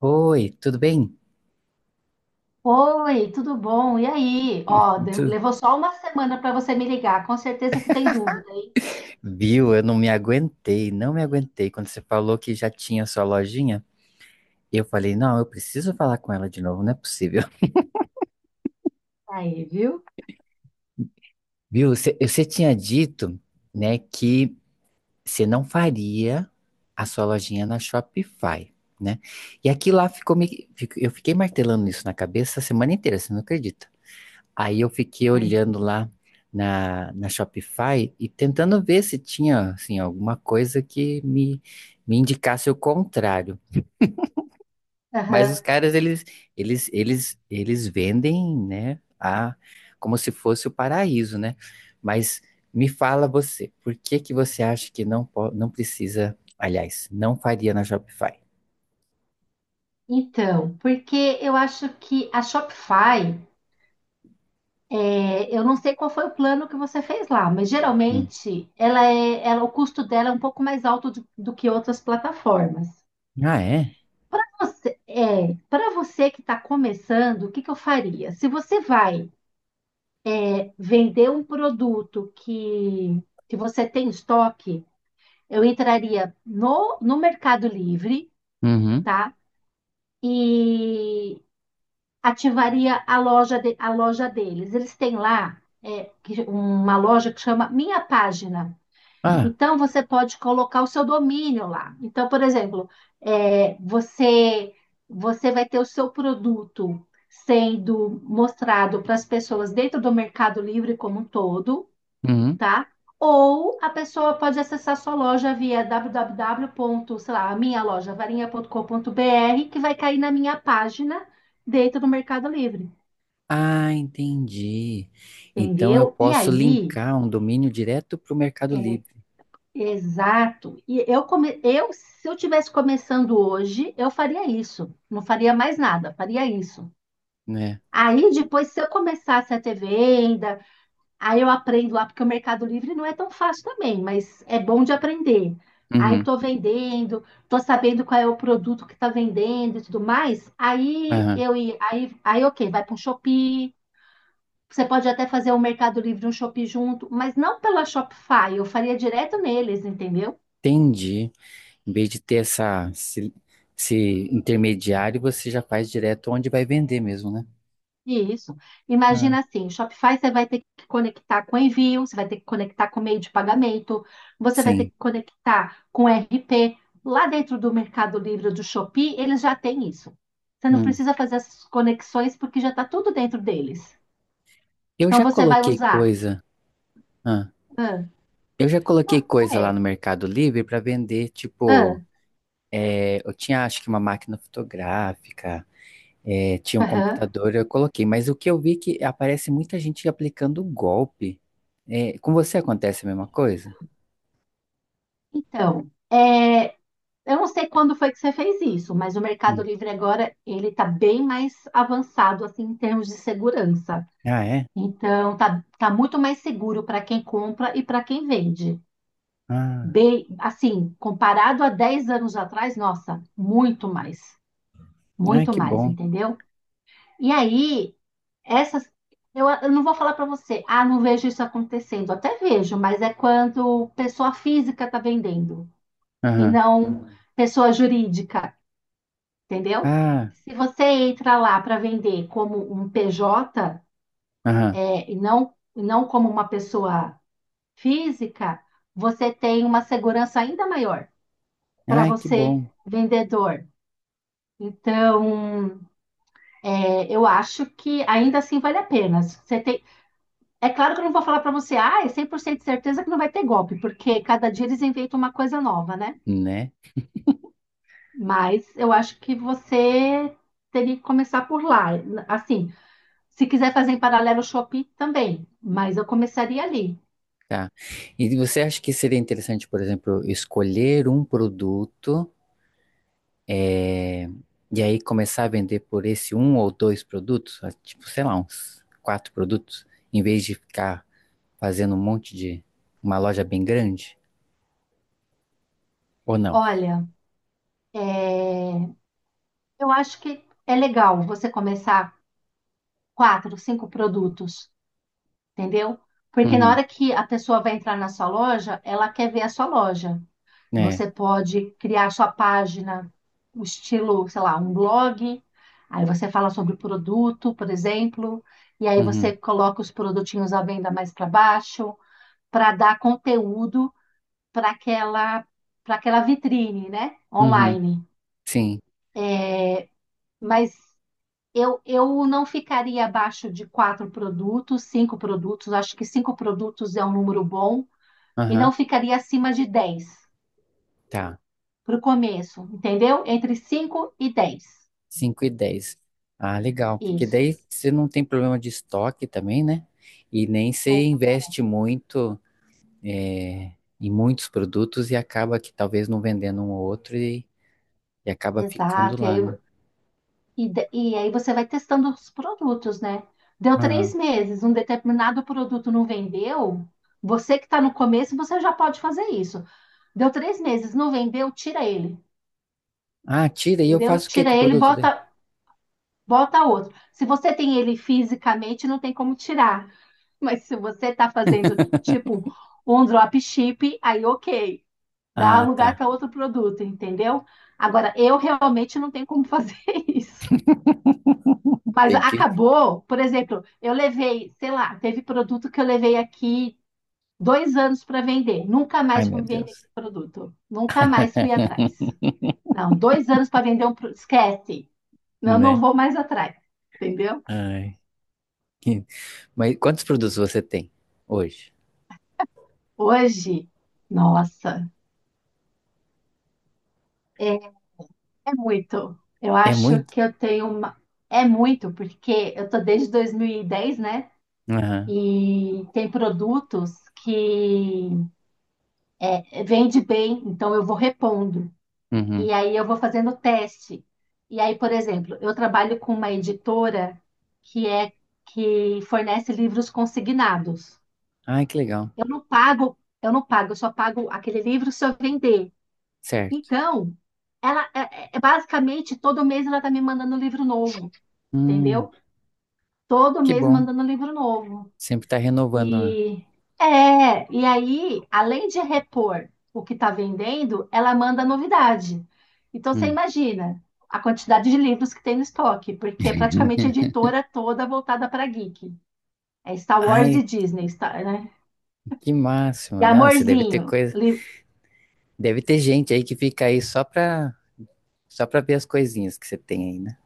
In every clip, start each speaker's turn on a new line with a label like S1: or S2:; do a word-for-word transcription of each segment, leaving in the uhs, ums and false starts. S1: Oi, tudo bem?
S2: Oi, tudo bom? E aí? Ó, de-
S1: Tu-
S2: levou só uma semana para você me ligar. Com certeza você tem dúvida, hein?
S1: Viu? Eu não me aguentei, não me aguentei. Quando você falou que já tinha sua lojinha, eu falei, não, eu preciso falar com ela de novo, não é possível.
S2: Aí, viu?
S1: Viu? Você você tinha dito, né, que você não faria a sua lojinha na Shopify, né? E aqui lá ficou me, fico- eu fiquei martelando isso na cabeça a semana inteira, você não acredita? Aí eu fiquei
S2: Aí.
S1: olhando lá na, na Shopify e tentando ver se tinha assim, alguma coisa que me, me indicasse o contrário. Mas
S2: Aham.
S1: os caras, eles, eles, eles, eles vendem, né, a, como se fosse o paraíso, né? Mas me fala você, por que que você acha que não, po- não precisa, aliás, não faria na Shopify?
S2: Então, porque eu acho que a Shopify, é, eu não sei qual foi o plano que você fez lá, mas
S1: Hum.
S2: geralmente ela é, ela, o custo dela é um pouco mais alto do, do que outras plataformas.
S1: Ah, é?
S2: Você- é, para você que está começando, o que que eu faria? Se você vai vender um produto que, que você tem em estoque. Eu entraria no, no Mercado Livre,
S1: Uhum.
S2: tá? E ativaria a loja, de- a loja deles. Eles têm lá é, que- uma loja que chama Minha Página.
S1: Ah,
S2: Então, você pode colocar o seu domínio lá. Então, por exemplo, é, você, você vai ter o seu produto sendo mostrado para as pessoas dentro do Mercado Livre como um todo,
S1: uhum.
S2: tá? Ou a pessoa pode acessar sua loja via www. Sei lá, minhalojavarinha ponto com ponto b r, que vai cair na minha página dentro do Mercado Livre,
S1: Ah, entendi. Então eu
S2: entendeu? E
S1: posso
S2: aí,
S1: linkar um domínio direto para o Mercado
S2: é,
S1: Livre,
S2: exato. E eu, come, eu, se eu tivesse começando hoje, eu faria isso. Não faria mais nada, faria isso.
S1: né?
S2: Aí depois, se eu começasse a ter vendas. Aí eu aprendo lá, porque o Mercado Livre não é tão fácil também, mas é bom de aprender. Aí
S1: Uhum,
S2: estou vendendo, estou sabendo qual é o produto que está vendendo e tudo mais. Aí
S1: aham.
S2: eu ia- aí, aí ok, vai para um Shopee. Você pode até fazer um Mercado Livre e um Shopee junto, mas não pela Shopify, eu faria direto neles, entendeu?
S1: Entendi. Em vez de ter essa, esse, esse intermediário, você já faz direto onde vai vender mesmo, né?
S2: Isso.
S1: Ah,
S2: Imagina assim, o Shopify você vai ter que conectar com envio, você vai ter que conectar com meio de pagamento, você vai ter
S1: sim.
S2: que conectar com R P. Lá dentro do Mercado Livre do Shopee, eles já têm isso. Você não
S1: Hum.
S2: precisa fazer essas conexões porque já está tudo dentro deles.
S1: Eu
S2: Então
S1: já
S2: você vai
S1: coloquei
S2: usar.
S1: coisa. Ah,
S2: Ah,
S1: eu já
S2: não,
S1: coloquei coisa lá
S2: é,
S1: no Mercado Livre para vender,
S2: ah,
S1: tipo, é, eu tinha acho que uma máquina fotográfica. É, tinha um
S2: aham.
S1: computador, eu coloquei, mas o que eu vi é que aparece muita gente aplicando golpe. É, com você acontece a mesma coisa?
S2: Então, é, eu não sei quando foi que você fez isso, mas o Mercado
S1: Hum.
S2: Livre agora ele está bem mais avançado assim em termos de segurança.
S1: Ah, é?
S2: Então, tá, tá muito mais seguro para quem compra e para quem vende.
S1: Ah,
S2: Bem, assim, comparado a dez anos atrás, nossa, muito mais,
S1: ai,
S2: muito
S1: que
S2: mais,
S1: bom.
S2: entendeu? E aí, essas, eu, eu não vou falar para você, ah, não vejo isso acontecendo. Até vejo, mas é quando pessoa física está vendendo e
S1: Aham.
S2: não pessoa jurídica, entendeu?
S1: Ah,
S2: Se você entra lá para vender como um P J,
S1: aham.
S2: é, e não, e não como uma pessoa física, você tem uma segurança ainda maior para
S1: Ai, que
S2: você,
S1: bom,
S2: vendedor. Então, é, eu acho que ainda assim vale a pena. Você tem... É claro que eu não vou falar para você, ah, é cem por cento de certeza que não vai ter golpe, porque cada dia eles inventam uma coisa nova, né?
S1: né?
S2: Mas eu acho que você teria que começar por lá. Assim, se quiser fazer em paralelo o Shopee, também, mas eu começaria ali.
S1: Tá. E você acha que seria interessante, por exemplo, escolher um produto é, e aí começar a vender por esse um ou dois produtos? Ah, tipo, sei lá, uns quatro produtos, em vez de ficar fazendo um monte de uma loja bem grande? Ou não?
S2: Olha, é, eu acho que é legal você começar quatro, cinco produtos, entendeu? Porque na
S1: Uhum.
S2: hora que a pessoa vai entrar na sua loja, ela quer ver a sua loja.
S1: É.
S2: Você pode criar sua página, o estilo, sei lá, um blog. Aí você fala sobre o produto, por exemplo, e aí
S1: Uhum.
S2: você coloca os produtinhos à venda mais para baixo, para dar conteúdo para aquela para aquela vitrine, né?
S1: Uhum.
S2: Online.
S1: Sim.
S2: Mas Eu, eu não ficaria abaixo de quatro produtos, cinco produtos, acho que cinco produtos é um número bom, e não
S1: Aham.
S2: ficaria acima de dez
S1: Tá.
S2: para o começo, entendeu? Entre cinco e dez.
S1: Cinco e dez. Ah, legal. Porque
S2: Isso.
S1: daí você não tem problema de estoque também, né? E nem você investe muito é, em muitos produtos e acaba que talvez não vendendo um ou outro e, e
S2: É,
S1: acaba ficando
S2: exato. E aí,
S1: lá, né?
S2: e da- e aí você vai testando os produtos, né? Deu três
S1: Aham.
S2: meses, um determinado produto não vendeu. Você que está no começo, você já pode fazer isso. Deu três meses, não vendeu, tira ele,
S1: Ah, tira e eu
S2: entendeu?
S1: faço o que com
S2: Tira
S1: o
S2: ele,
S1: produto daí?
S2: bota Bota outro. Se você tem ele fisicamente, não tem como tirar. Mas se você tá fazendo tipo um drop ship, aí ok, dá
S1: Ah,
S2: lugar
S1: tá.
S2: para outro produto, entendeu? Agora, eu realmente não tenho como fazer isso. Mas
S1: Tem que.
S2: acabou, por exemplo, eu levei, sei lá, teve produto que eu levei aqui dois anos para vender. Nunca
S1: Ai,
S2: mais
S1: meu
S2: fui vender
S1: Deus.
S2: aquele produto. Nunca mais fui atrás. Não, dois anos para vender um produto. Esquece. Não, não
S1: Né?
S2: vou mais atrás. Entendeu?
S1: Ai. que- Mas quantos produtos você tem hoje?
S2: Hoje, nossa, é, é muito. Eu
S1: É
S2: acho
S1: muito?
S2: que eu tenho uma. É muito, porque eu tô desde dois mil e dez, né?
S1: Aham.
S2: E tem produtos que é, vende bem, então eu vou repondo.
S1: Uhum.
S2: E aí eu vou fazendo teste. E aí, por exemplo, eu trabalho com uma editora que é que fornece livros consignados.
S1: Ai, que legal.
S2: Eu não pago, eu não pago, eu só pago aquele livro se eu vender.
S1: Certo.
S2: Então, ela é, é- é basicamente todo mês ela tá me mandando um livro novo,
S1: Hum,
S2: entendeu? Todo
S1: que
S2: mês
S1: bom.
S2: mandando um livro novo.
S1: Sempre tá renovando a...
S2: E é, e aí, além de repor o que tá vendendo, ela manda novidade. Então você
S1: Hum.
S2: imagina a quantidade de livros que tem no estoque, porque é praticamente a editora toda voltada para geek. É Star Wars e
S1: Ai,
S2: Disney, Star, né?
S1: que máximo.
S2: E
S1: Não, você deve ter
S2: Amorzinho.
S1: coisa... Deve ter gente aí que fica aí só pra... Só pra ver as coisinhas que você tem aí, né?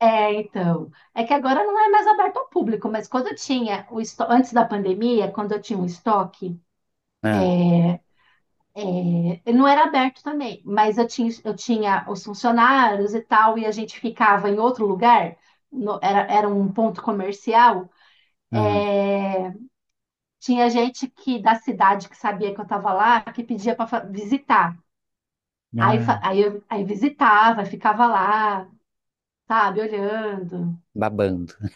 S2: É, então. É que agora não é mais aberto ao público, mas quando eu tinha o esto- antes da pandemia, quando eu tinha o estoque,
S1: Ah,
S2: eh, não era aberto também, mas eu tinha, eu tinha os funcionários e tal, e a gente ficava em outro lugar, no- era, era um ponto comercial.
S1: ah,
S2: Eh, tinha gente que da cidade que sabia que eu estava lá, que pedia para visitar. Aí,
S1: ah,
S2: fa- aí, eu- aí visitava, ficava lá, sabe, olhando.
S1: Babando.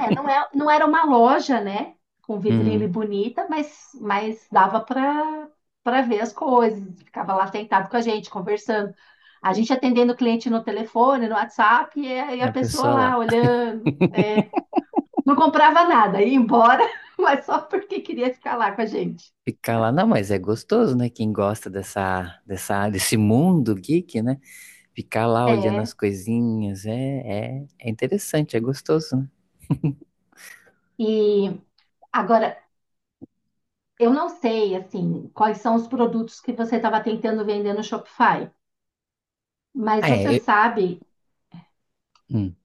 S2: É, não é, não era uma loja, né? Com vitrine
S1: Uhum.
S2: bonita, mas, mas dava para para ver as coisas. Ficava lá sentado com a gente, conversando. A gente atendendo o cliente no telefone, no WhatsApp, e a e a
S1: A
S2: pessoa
S1: pessoa
S2: lá
S1: lá.
S2: olhando. É. Não comprava nada, ia embora, mas só porque queria ficar lá com a gente.
S1: Ficar lá, não, mas é gostoso, né? Quem gosta dessa, dessa, desse mundo geek, né? Ficar lá olhando as
S2: É.
S1: coisinhas é, é, é interessante, é gostoso, né?
S2: E agora, eu não sei, assim, quais são os produtos que você estava tentando vender no Shopify, mas
S1: Ah,
S2: você
S1: é. eu-
S2: sabe.
S1: hum.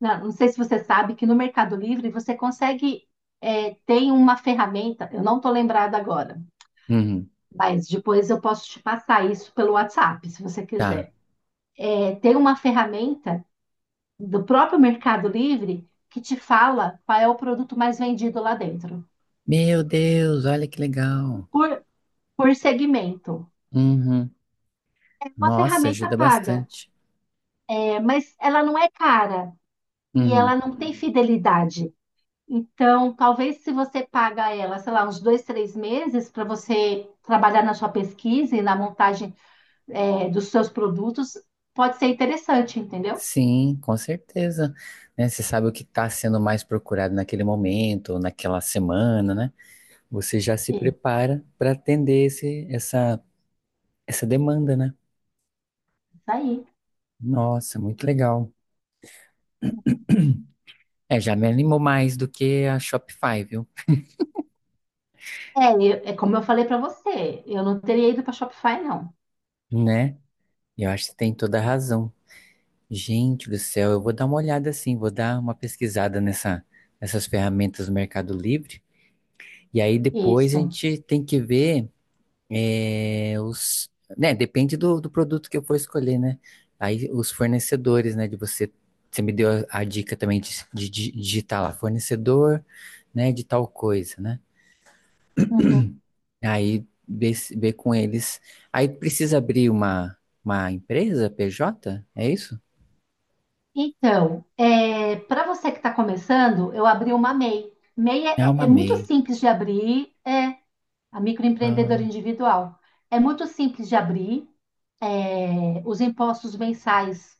S2: Não, não sei se você sabe que no Mercado Livre você consegue, é, tem uma ferramenta, eu não estou lembrada agora,
S1: Uhum,
S2: mas depois eu posso te passar isso pelo WhatsApp, se você
S1: tá.
S2: quiser. É, tem uma ferramenta do próprio Mercado Livre que te fala qual é o produto mais vendido lá dentro,
S1: Meu Deus, olha que legal.
S2: por, por segmento.
S1: Uhum.
S2: É uma
S1: Nossa,
S2: ferramenta
S1: ajuda
S2: paga,
S1: bastante.
S2: é, mas ela não é cara e ela
S1: Uhum.
S2: não tem fidelidade. Então, talvez se você paga ela, sei lá, uns dois, três meses para você trabalhar na sua pesquisa e na montagem, é, dos seus produtos, pode ser interessante, entendeu?
S1: Sim, com certeza. Né, você sabe o que está sendo mais procurado naquele momento, naquela semana, né? Você já se
S2: Isso
S1: prepara para atender esse, essa, essa demanda, né?
S2: aí.
S1: Nossa, muito legal. É, já me animou mais do que a Shopify, viu?
S2: É, eu- é como eu falei para você, eu não teria ido para Shopify, não.
S1: Né? E eu acho que tem toda a razão. Gente do céu, eu vou dar uma olhada assim, vou dar uma pesquisada nessa, nessas ferramentas do Mercado Livre. E aí depois a
S2: Isso.
S1: gente tem que ver eh, os. Né, depende do, do produto que eu for escolher, né? Aí os fornecedores, né? De você. Você me deu a, a dica também de, de, di- digitar lá, fornecedor, né? De tal coisa, né?
S2: Uhum.
S1: Aí ver, se- ver com eles. Aí precisa abrir uma, uma empresa, P J? É isso?
S2: Então, para você que está começando, eu abri uma MEI. MEI é,
S1: É
S2: é-
S1: uma
S2: é muito
S1: MEI.
S2: simples de abrir, é, a microempreendedora
S1: Ah,
S2: individual. É muito simples de abrir, é, os impostos mensais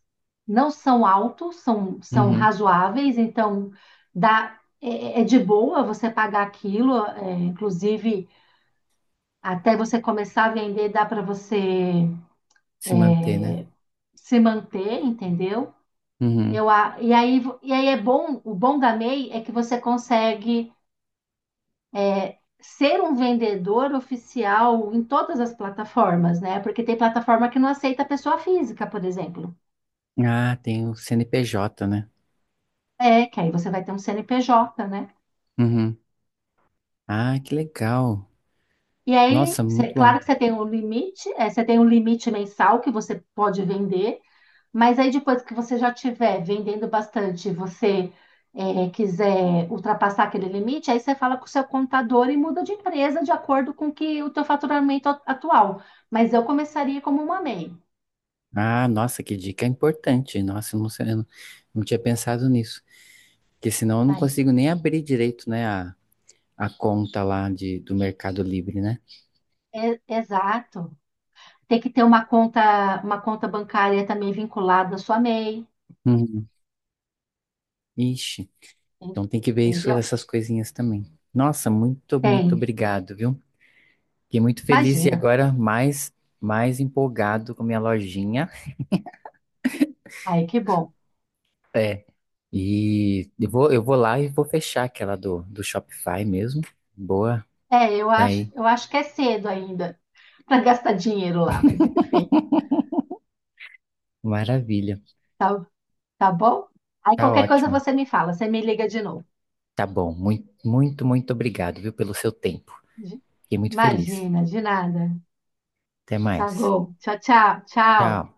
S2: não são altos, são, são
S1: uhum.
S2: razoáveis, então dá, é, é de boa você pagar aquilo, é, inclusive até você começar a vender, dá para você
S1: Se manter, né?
S2: se manter, entendeu?
S1: Uhum.
S2: Eu, a- e aí, e aí é bom, o bom da MEI é que você consegue ser um vendedor oficial em todas as plataformas, né? Porque tem plataforma que não aceita pessoa física, por exemplo.
S1: Ah, tem o C N P J, né?
S2: É, que aí você vai ter um C N P J, né?
S1: Uhum. Ah, que legal.
S2: E aí,
S1: Nossa,
S2: cê-
S1: muito bom.
S2: claro que você tem um limite, é, você tem um limite mensal que você pode vender, mas aí depois que você já tiver vendendo bastante, e você é, quiser ultrapassar aquele limite, aí você fala com o seu contador e muda de empresa de acordo com que o teu faturamento at- atual. Mas eu começaria como uma MEI.
S1: Ah, nossa, que dica importante. Nossa, eu não sei, eu não, não tinha pensado nisso. Porque senão eu não
S2: Aí.
S1: consigo nem abrir direito, né, a, a conta lá de, do Mercado Livre, né?
S2: É, exato. Tem que ter uma conta, uma conta bancária também vinculada à sua MEI,
S1: Uhum. Ixi,
S2: en-
S1: então tem que ver isso,
S2: entendeu?
S1: essas coisinhas também. Nossa, muito, muito
S2: Tem,
S1: obrigado, viu? Fiquei muito feliz e
S2: imagina.
S1: agora mais, mais empolgado com minha lojinha.
S2: Aí que bom.
S1: É. E eu vou, eu vou lá e vou fechar aquela do, do Shopify mesmo. Boa.
S2: É, eu
S1: E
S2: acho,
S1: aí,
S2: eu acho que é cedo ainda para gastar dinheiro lá, mas enfim,
S1: maravilha.
S2: tá, tá bom? Aí
S1: Tá
S2: qualquer coisa
S1: ótimo.
S2: você me fala, você me liga de novo.
S1: Tá bom. Muito, muito, muito obrigado, viu, pelo seu tempo. Fiquei muito feliz.
S2: Imagina, de nada.
S1: Até
S2: Tá
S1: mais.
S2: bom. Tchau, tchau, tchau.
S1: Tchau.